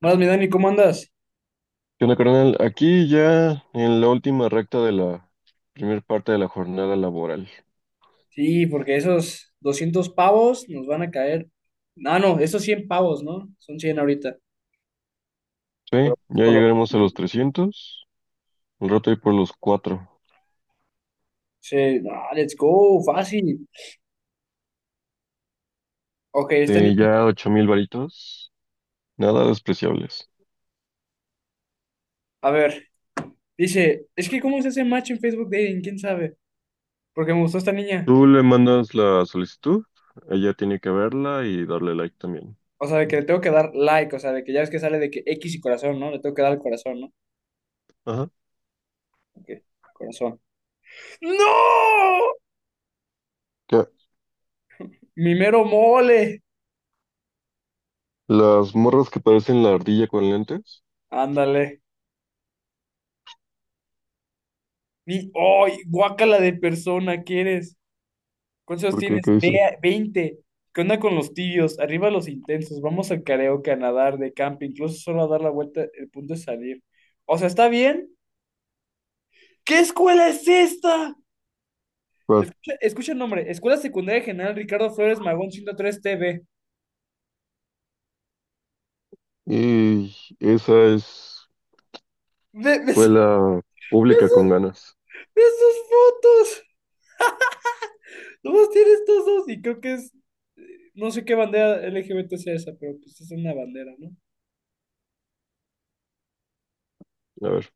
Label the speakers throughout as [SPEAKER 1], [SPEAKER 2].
[SPEAKER 1] Buenas, mi Dani, ¿cómo andas?
[SPEAKER 2] ¿Qué onda, carnal? Aquí ya en la última recta de la primera parte de la jornada laboral.
[SPEAKER 1] Sí, porque esos 200 pavos nos van a caer. No, no, esos 100 pavos, ¿no? Son 100 ahorita. Pero
[SPEAKER 2] Sí, ya
[SPEAKER 1] por lo-
[SPEAKER 2] llegaremos a los 300, un rato ahí por los 4.
[SPEAKER 1] sí, no, let's go, fácil. Ok, esta
[SPEAKER 2] Sí,
[SPEAKER 1] niña.
[SPEAKER 2] ya 8,000 varitos, nada despreciables.
[SPEAKER 1] A ver, dice, es que ¿cómo se hace match en Facebook Dating? ¿Quién sabe? Porque me gustó esta niña.
[SPEAKER 2] Tú le mandas la solicitud, ella tiene que verla y darle like también.
[SPEAKER 1] O sea, de que le tengo que dar like, o sea, de que ya ves que sale de que X y corazón, ¿no? Le tengo que dar el corazón, ¿no?
[SPEAKER 2] Ajá.
[SPEAKER 1] Ok, corazón. ¡No!
[SPEAKER 2] ¿Qué?
[SPEAKER 1] Mi mero mole.
[SPEAKER 2] Las morras que parecen la ardilla con lentes,
[SPEAKER 1] Ándale. Mi, ¡ay! Guácala de persona, ¿quieres? ¿Cuántos años
[SPEAKER 2] ¿por qué?
[SPEAKER 1] tienes?
[SPEAKER 2] ¿Qué
[SPEAKER 1] Ve-
[SPEAKER 2] dice?
[SPEAKER 1] veinte? ¿Qué onda con los tibios? Arriba los intensos. Vamos al karaoke, a nadar, de camping, incluso solo a dar la vuelta. El punto es salir. O sea, ¿está bien? ¿Qué escuela es esta?
[SPEAKER 2] ¿Cuál?
[SPEAKER 1] Escucha, escucha el nombre. Escuela Secundaria General Ricardo Flores Magón 103 TV.
[SPEAKER 2] Y esa es
[SPEAKER 1] Ve, ve su-
[SPEAKER 2] escuela
[SPEAKER 1] ve
[SPEAKER 2] pública con
[SPEAKER 1] sus,
[SPEAKER 2] ganas.
[SPEAKER 1] ve sus fotos. Nomás tiene estos dos. Y creo que es, no sé qué bandera LGBT sea esa, pero pues es una bandera, ¿no?
[SPEAKER 2] A ver,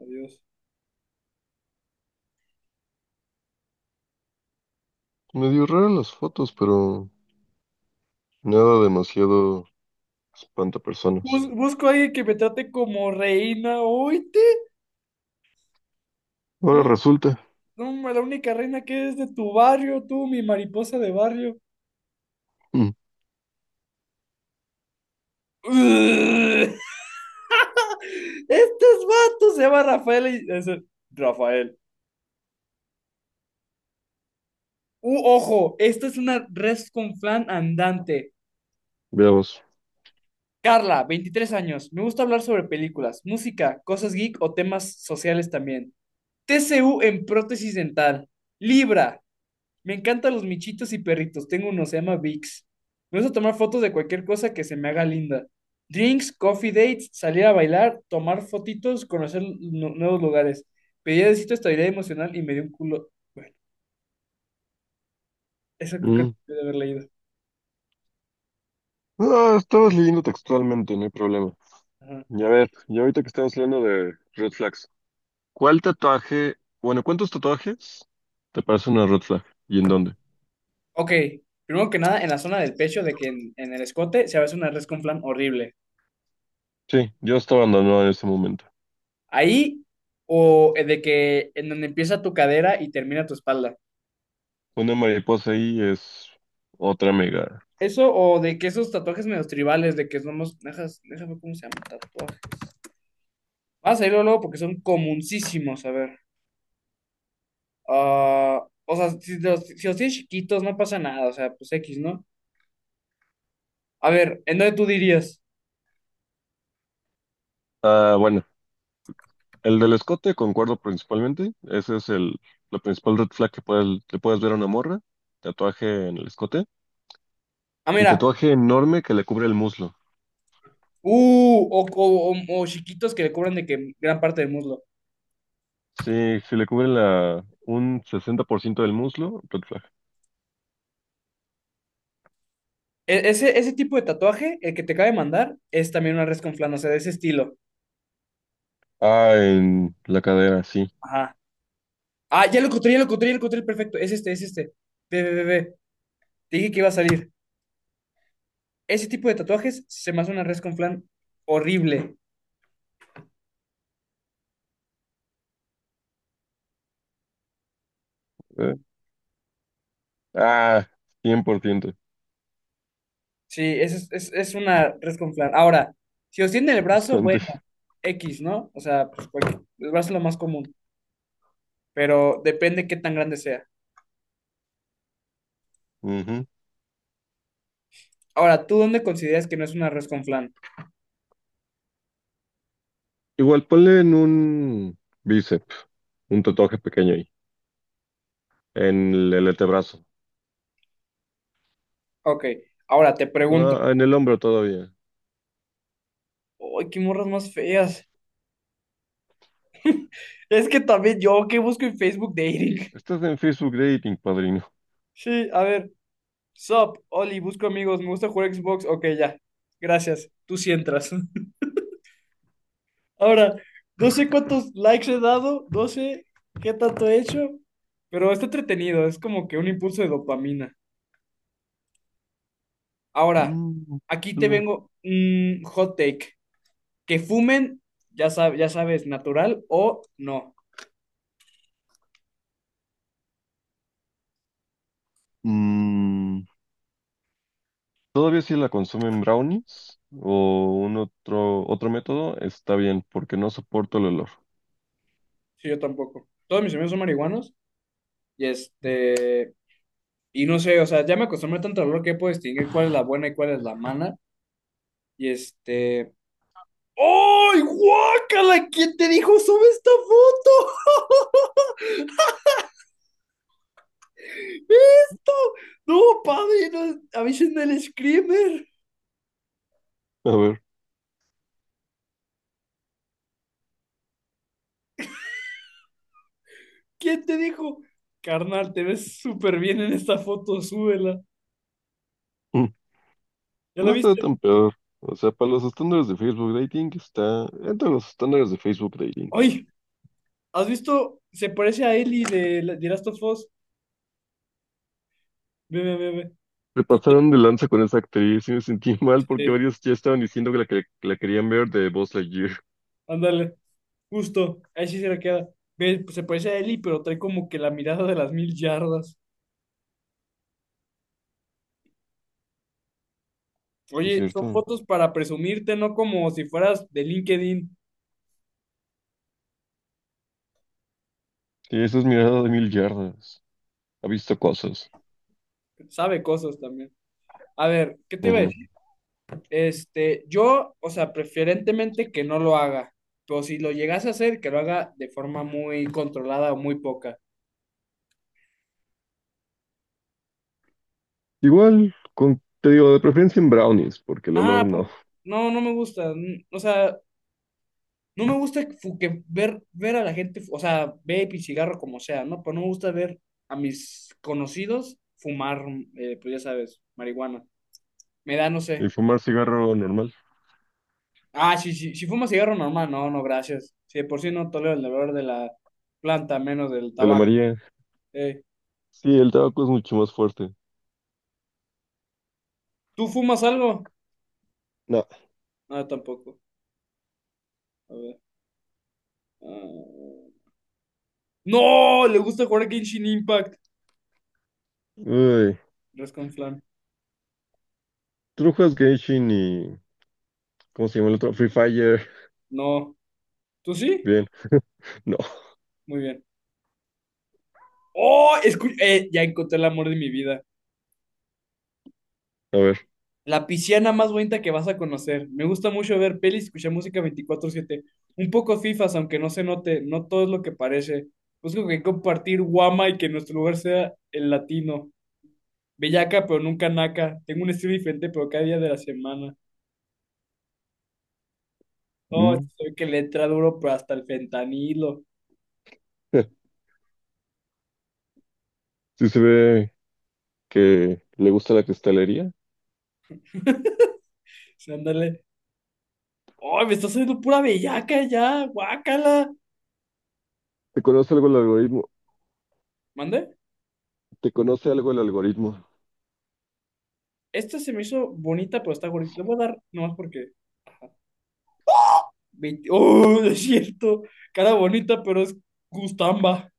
[SPEAKER 1] Adiós.
[SPEAKER 2] medio raras las fotos, pero nada demasiado espantapersonas.
[SPEAKER 1] Busco a alguien que me trate como reina. Oíte.
[SPEAKER 2] Ahora resulta.
[SPEAKER 1] No, ma, la única reina que es de tu barrio, tú, mi mariposa de barrio.
[SPEAKER 2] Mm,
[SPEAKER 1] ¡Ugh! Estos vatos se llama Rafael y Rafael. Ojo, esta es una res con flan andante.
[SPEAKER 2] veamos.
[SPEAKER 1] Carla, 23 años. Me gusta hablar sobre películas, música, cosas geek o temas sociales también. TCU en prótesis dental. Libra. Me encantan los michitos y perritos. Tengo uno, se llama Vix. Me gusta tomar fotos de cualquier cosa que se me haga linda. Drinks, coffee dates, salir a bailar, tomar fotitos, conocer nuevos lugares. Pedí de cita estabilidad emocional y me dio un culo. Bueno, esa creo que
[SPEAKER 2] Mm.
[SPEAKER 1] debe haber leído.
[SPEAKER 2] Ah, estabas leyendo textualmente, no hay problema.
[SPEAKER 1] Ajá.
[SPEAKER 2] Y a ver, y ahorita que estamos leyendo de red flags, ¿cuál tatuaje, bueno, cuántos tatuajes te parece una red flag? ¿Y en dónde?
[SPEAKER 1] Ok, primero que nada, en la zona del pecho, de que en el escote se hace una res con flan horrible.
[SPEAKER 2] Sí, yo estaba abandonado en ese momento.
[SPEAKER 1] Ahí, o de que en donde empieza tu cadera y termina tu espalda.
[SPEAKER 2] Una mariposa ahí es otra mega.
[SPEAKER 1] Eso o de que esos tatuajes medios tribales, de que somos. Déjame ver cómo se llama el tatuaje. Vas a irlo luego porque son comuncísimos, a ver. Ah, o sea, si los tienes chiquitos, no pasa nada, o sea, pues X, ¿no? A ver, ¿en dónde tú dirías?
[SPEAKER 2] Ah, bueno, el del escote concuerdo principalmente. Ese es la principal red flag que puedes ver a una morra. Tatuaje en el escote.
[SPEAKER 1] Ah,
[SPEAKER 2] Y
[SPEAKER 1] mira,
[SPEAKER 2] tatuaje enorme que le cubre el muslo.
[SPEAKER 1] o chiquitos que le cubran de que gran parte del muslo.
[SPEAKER 2] Sí, si le cubre un 60% del muslo, red flag.
[SPEAKER 1] Ese tipo de tatuaje, el que te cabe mandar, es también una res con flan, o sea, de ese estilo.
[SPEAKER 2] Ah, en la cadera, sí.
[SPEAKER 1] Ajá. Ah, ya lo encontré, ya lo encontré, ya lo encontré, perfecto. Es este, es este. Ve, ve, ve, ve. Te dije que iba a salir. Ese tipo de tatuajes se me hace una res con flan horrible.
[SPEAKER 2] Eh, Ah, 100%,
[SPEAKER 1] Sí, es una res con flan. Ahora, si os tiene el brazo, bueno,
[SPEAKER 2] bastante.
[SPEAKER 1] X, ¿no? O sea, pues cualquier- el brazo es lo más común, pero depende qué tan grande sea.
[SPEAKER 2] Ujú.
[SPEAKER 1] Ahora, ¿tú dónde consideras que no es una res con flan?
[SPEAKER 2] Igual ponle en un bíceps, un tatuaje pequeño ahí, en el antebrazo.
[SPEAKER 1] Ok, ahora te pregunto.
[SPEAKER 2] Ah, en el hombro todavía.
[SPEAKER 1] ¡Ay, qué morras más feas! Es que también yo, ¿qué busco en Facebook Dating?
[SPEAKER 2] Estás en Facebook Dating, padrino.
[SPEAKER 1] Sí, a ver. Sup, Oli, busco amigos, me gusta jugar Xbox. Ok, ya. Gracias. Tú sí entras. Ahora, no sé cuántos likes he dado, no sé qué tanto he hecho, pero está entretenido, es como que un impulso de dopamina. Ahora,
[SPEAKER 2] Mm,
[SPEAKER 1] aquí te
[SPEAKER 2] algo.
[SPEAKER 1] vengo un hot take. Que fumen, ya sabes, natural o no.
[SPEAKER 2] Mm, todavía si la consumen brownies o un otro método, está bien, porque no soporto el olor.
[SPEAKER 1] Sí, yo tampoco. Todos mis amigos son marihuanos y este, y no sé, o sea, ya me acostumbré tanto al olor que puedo distinguir cuál es la buena y cuál es la mala. Y este. ¡Ay, guácala! ¿Quién te dijo sube esta foto? ¡Esto! No, padrino, avisen del screamer.
[SPEAKER 2] A ver,
[SPEAKER 1] ¿Quién te dijo? Carnal, te ves súper bien en esta foto, súbela.
[SPEAKER 2] mm,
[SPEAKER 1] ¿Ya la
[SPEAKER 2] no está
[SPEAKER 1] viste?
[SPEAKER 2] tan peor. O sea, para los estándares de Facebook Dating está entre los estándares de Facebook Dating.
[SPEAKER 1] ¡Ay! ¿Has visto? Se parece a Ellie de, de Last of Us. Ve, ve, ve, ve.
[SPEAKER 2] Se
[SPEAKER 1] Sí,
[SPEAKER 2] pasaron de lanza con esa actriz y me sentí mal porque
[SPEAKER 1] eh,
[SPEAKER 2] varios ya estaban diciendo que la querían ver de Buzz Lightyear.
[SPEAKER 1] ándale, justo. Ahí sí se la queda. Ve, pues se parece a Ellie, pero trae como que la mirada de las mil yardas.
[SPEAKER 2] ¿Es
[SPEAKER 1] Oye, son
[SPEAKER 2] cierto?
[SPEAKER 1] fotos para presumirte, no como si fueras de LinkedIn.
[SPEAKER 2] Sí, esa es mirada de 1,000 yardas. Ha visto cosas.
[SPEAKER 1] Sabe cosas también. A ver, ¿qué te iba a?
[SPEAKER 2] Ujú.
[SPEAKER 1] Este, yo, o sea, preferentemente que no lo haga, pero si lo llegase a hacer, que lo haga de forma muy controlada o muy poca.
[SPEAKER 2] Igual, con, te digo, de preferencia en brownies, porque el
[SPEAKER 1] Ah,
[SPEAKER 2] olor
[SPEAKER 1] sí,
[SPEAKER 2] no.
[SPEAKER 1] porque no, no me gusta, o sea, no me gusta que, que ver a la gente, o sea, vape y cigarro como sea, ¿no? Pero no me gusta ver a mis conocidos fumar, pues ya sabes, marihuana. Me da, no
[SPEAKER 2] Y
[SPEAKER 1] sé.
[SPEAKER 2] fumar cigarro normal.
[SPEAKER 1] Ah, sí, sí, si fuma cigarro normal, no, no, gracias. Si de por sí no tolero el olor de la planta, menos del
[SPEAKER 2] Te la
[SPEAKER 1] tabaco.
[SPEAKER 2] María.
[SPEAKER 1] Eh,
[SPEAKER 2] Sí, el tabaco es mucho más fuerte.
[SPEAKER 1] ¿Tú fumas algo?
[SPEAKER 2] No.
[SPEAKER 1] No, tampoco. A ver. Ah, ¡no! Le gusta jugar a Genshin Impact.
[SPEAKER 2] Uy.
[SPEAKER 1] Rescon Flan.
[SPEAKER 2] ¿Tú no juegas Genshin y cómo se llama el otro? Free Fire.
[SPEAKER 1] No. ¿Tú sí?
[SPEAKER 2] Bien. No.
[SPEAKER 1] Muy bien. ¡Oh! Ya encontré el amor de mi vida.
[SPEAKER 2] A ver.
[SPEAKER 1] La pisciana más bonita que vas a conocer. Me gusta mucho ver pelis y escuchar música 24/7. Un poco fifas, aunque no se note. No todo es lo que parece. Busco que compartir guama y que nuestro lugar sea el latino. Bellaca, pero nunca naca. Tengo un estilo diferente, pero cada día de la semana. Oh,
[SPEAKER 2] Mm.
[SPEAKER 1] esto se ve que le entra duro, pero hasta el fentanilo.
[SPEAKER 2] Sí se ve que le gusta la cristalería.
[SPEAKER 1] Sí, ándale. ¡Ay, me está saliendo pura bellaca ya! ¡Guácala!
[SPEAKER 2] ¿Te conoce algo el algoritmo?
[SPEAKER 1] ¿Mande?
[SPEAKER 2] ¿Te conoce algo el algoritmo?
[SPEAKER 1] Esta se me hizo bonita, pero está bonita. Le voy a dar nomás porque. Ajá. 20. ¡Oh, no es cierto! Cara bonita, pero es gustamba.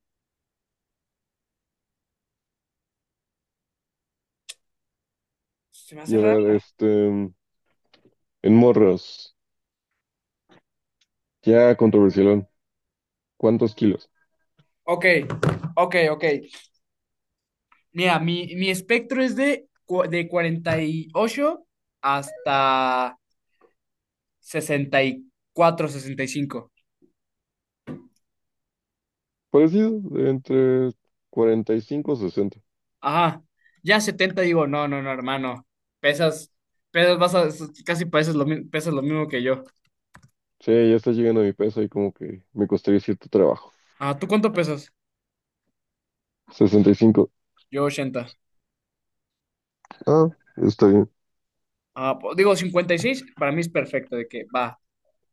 [SPEAKER 1] Se me
[SPEAKER 2] Y
[SPEAKER 1] hace
[SPEAKER 2] a
[SPEAKER 1] raro.
[SPEAKER 2] ver, este, en morros. Ya controversialón. ¿Cuántos kilos?
[SPEAKER 1] Ok, ok, ok. Mira, mi espectro es de 48 hasta 60, 64, 65.
[SPEAKER 2] Parecido, de entre 45 o 60.
[SPEAKER 1] Ajá. Ya 70 digo, no, no, no, hermano. Pesas, pesas, vas a, casi pareces lo, pesas lo mismo que yo.
[SPEAKER 2] Sí, ya está llegando a mi peso y como que me costaría cierto trabajo.
[SPEAKER 1] Ah, ¿tú cuánto pesas?
[SPEAKER 2] 65.
[SPEAKER 1] Yo 80.
[SPEAKER 2] Ah, está bien.
[SPEAKER 1] Ah, digo 56. Para mí es perfecto, de que va,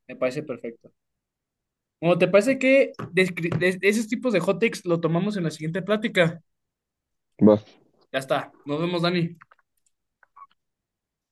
[SPEAKER 1] me parece perfecto. Bueno, ¿te parece que de esos tipos de hot takes lo tomamos en la siguiente plática?
[SPEAKER 2] Va.
[SPEAKER 1] Ya está, nos vemos, Dani.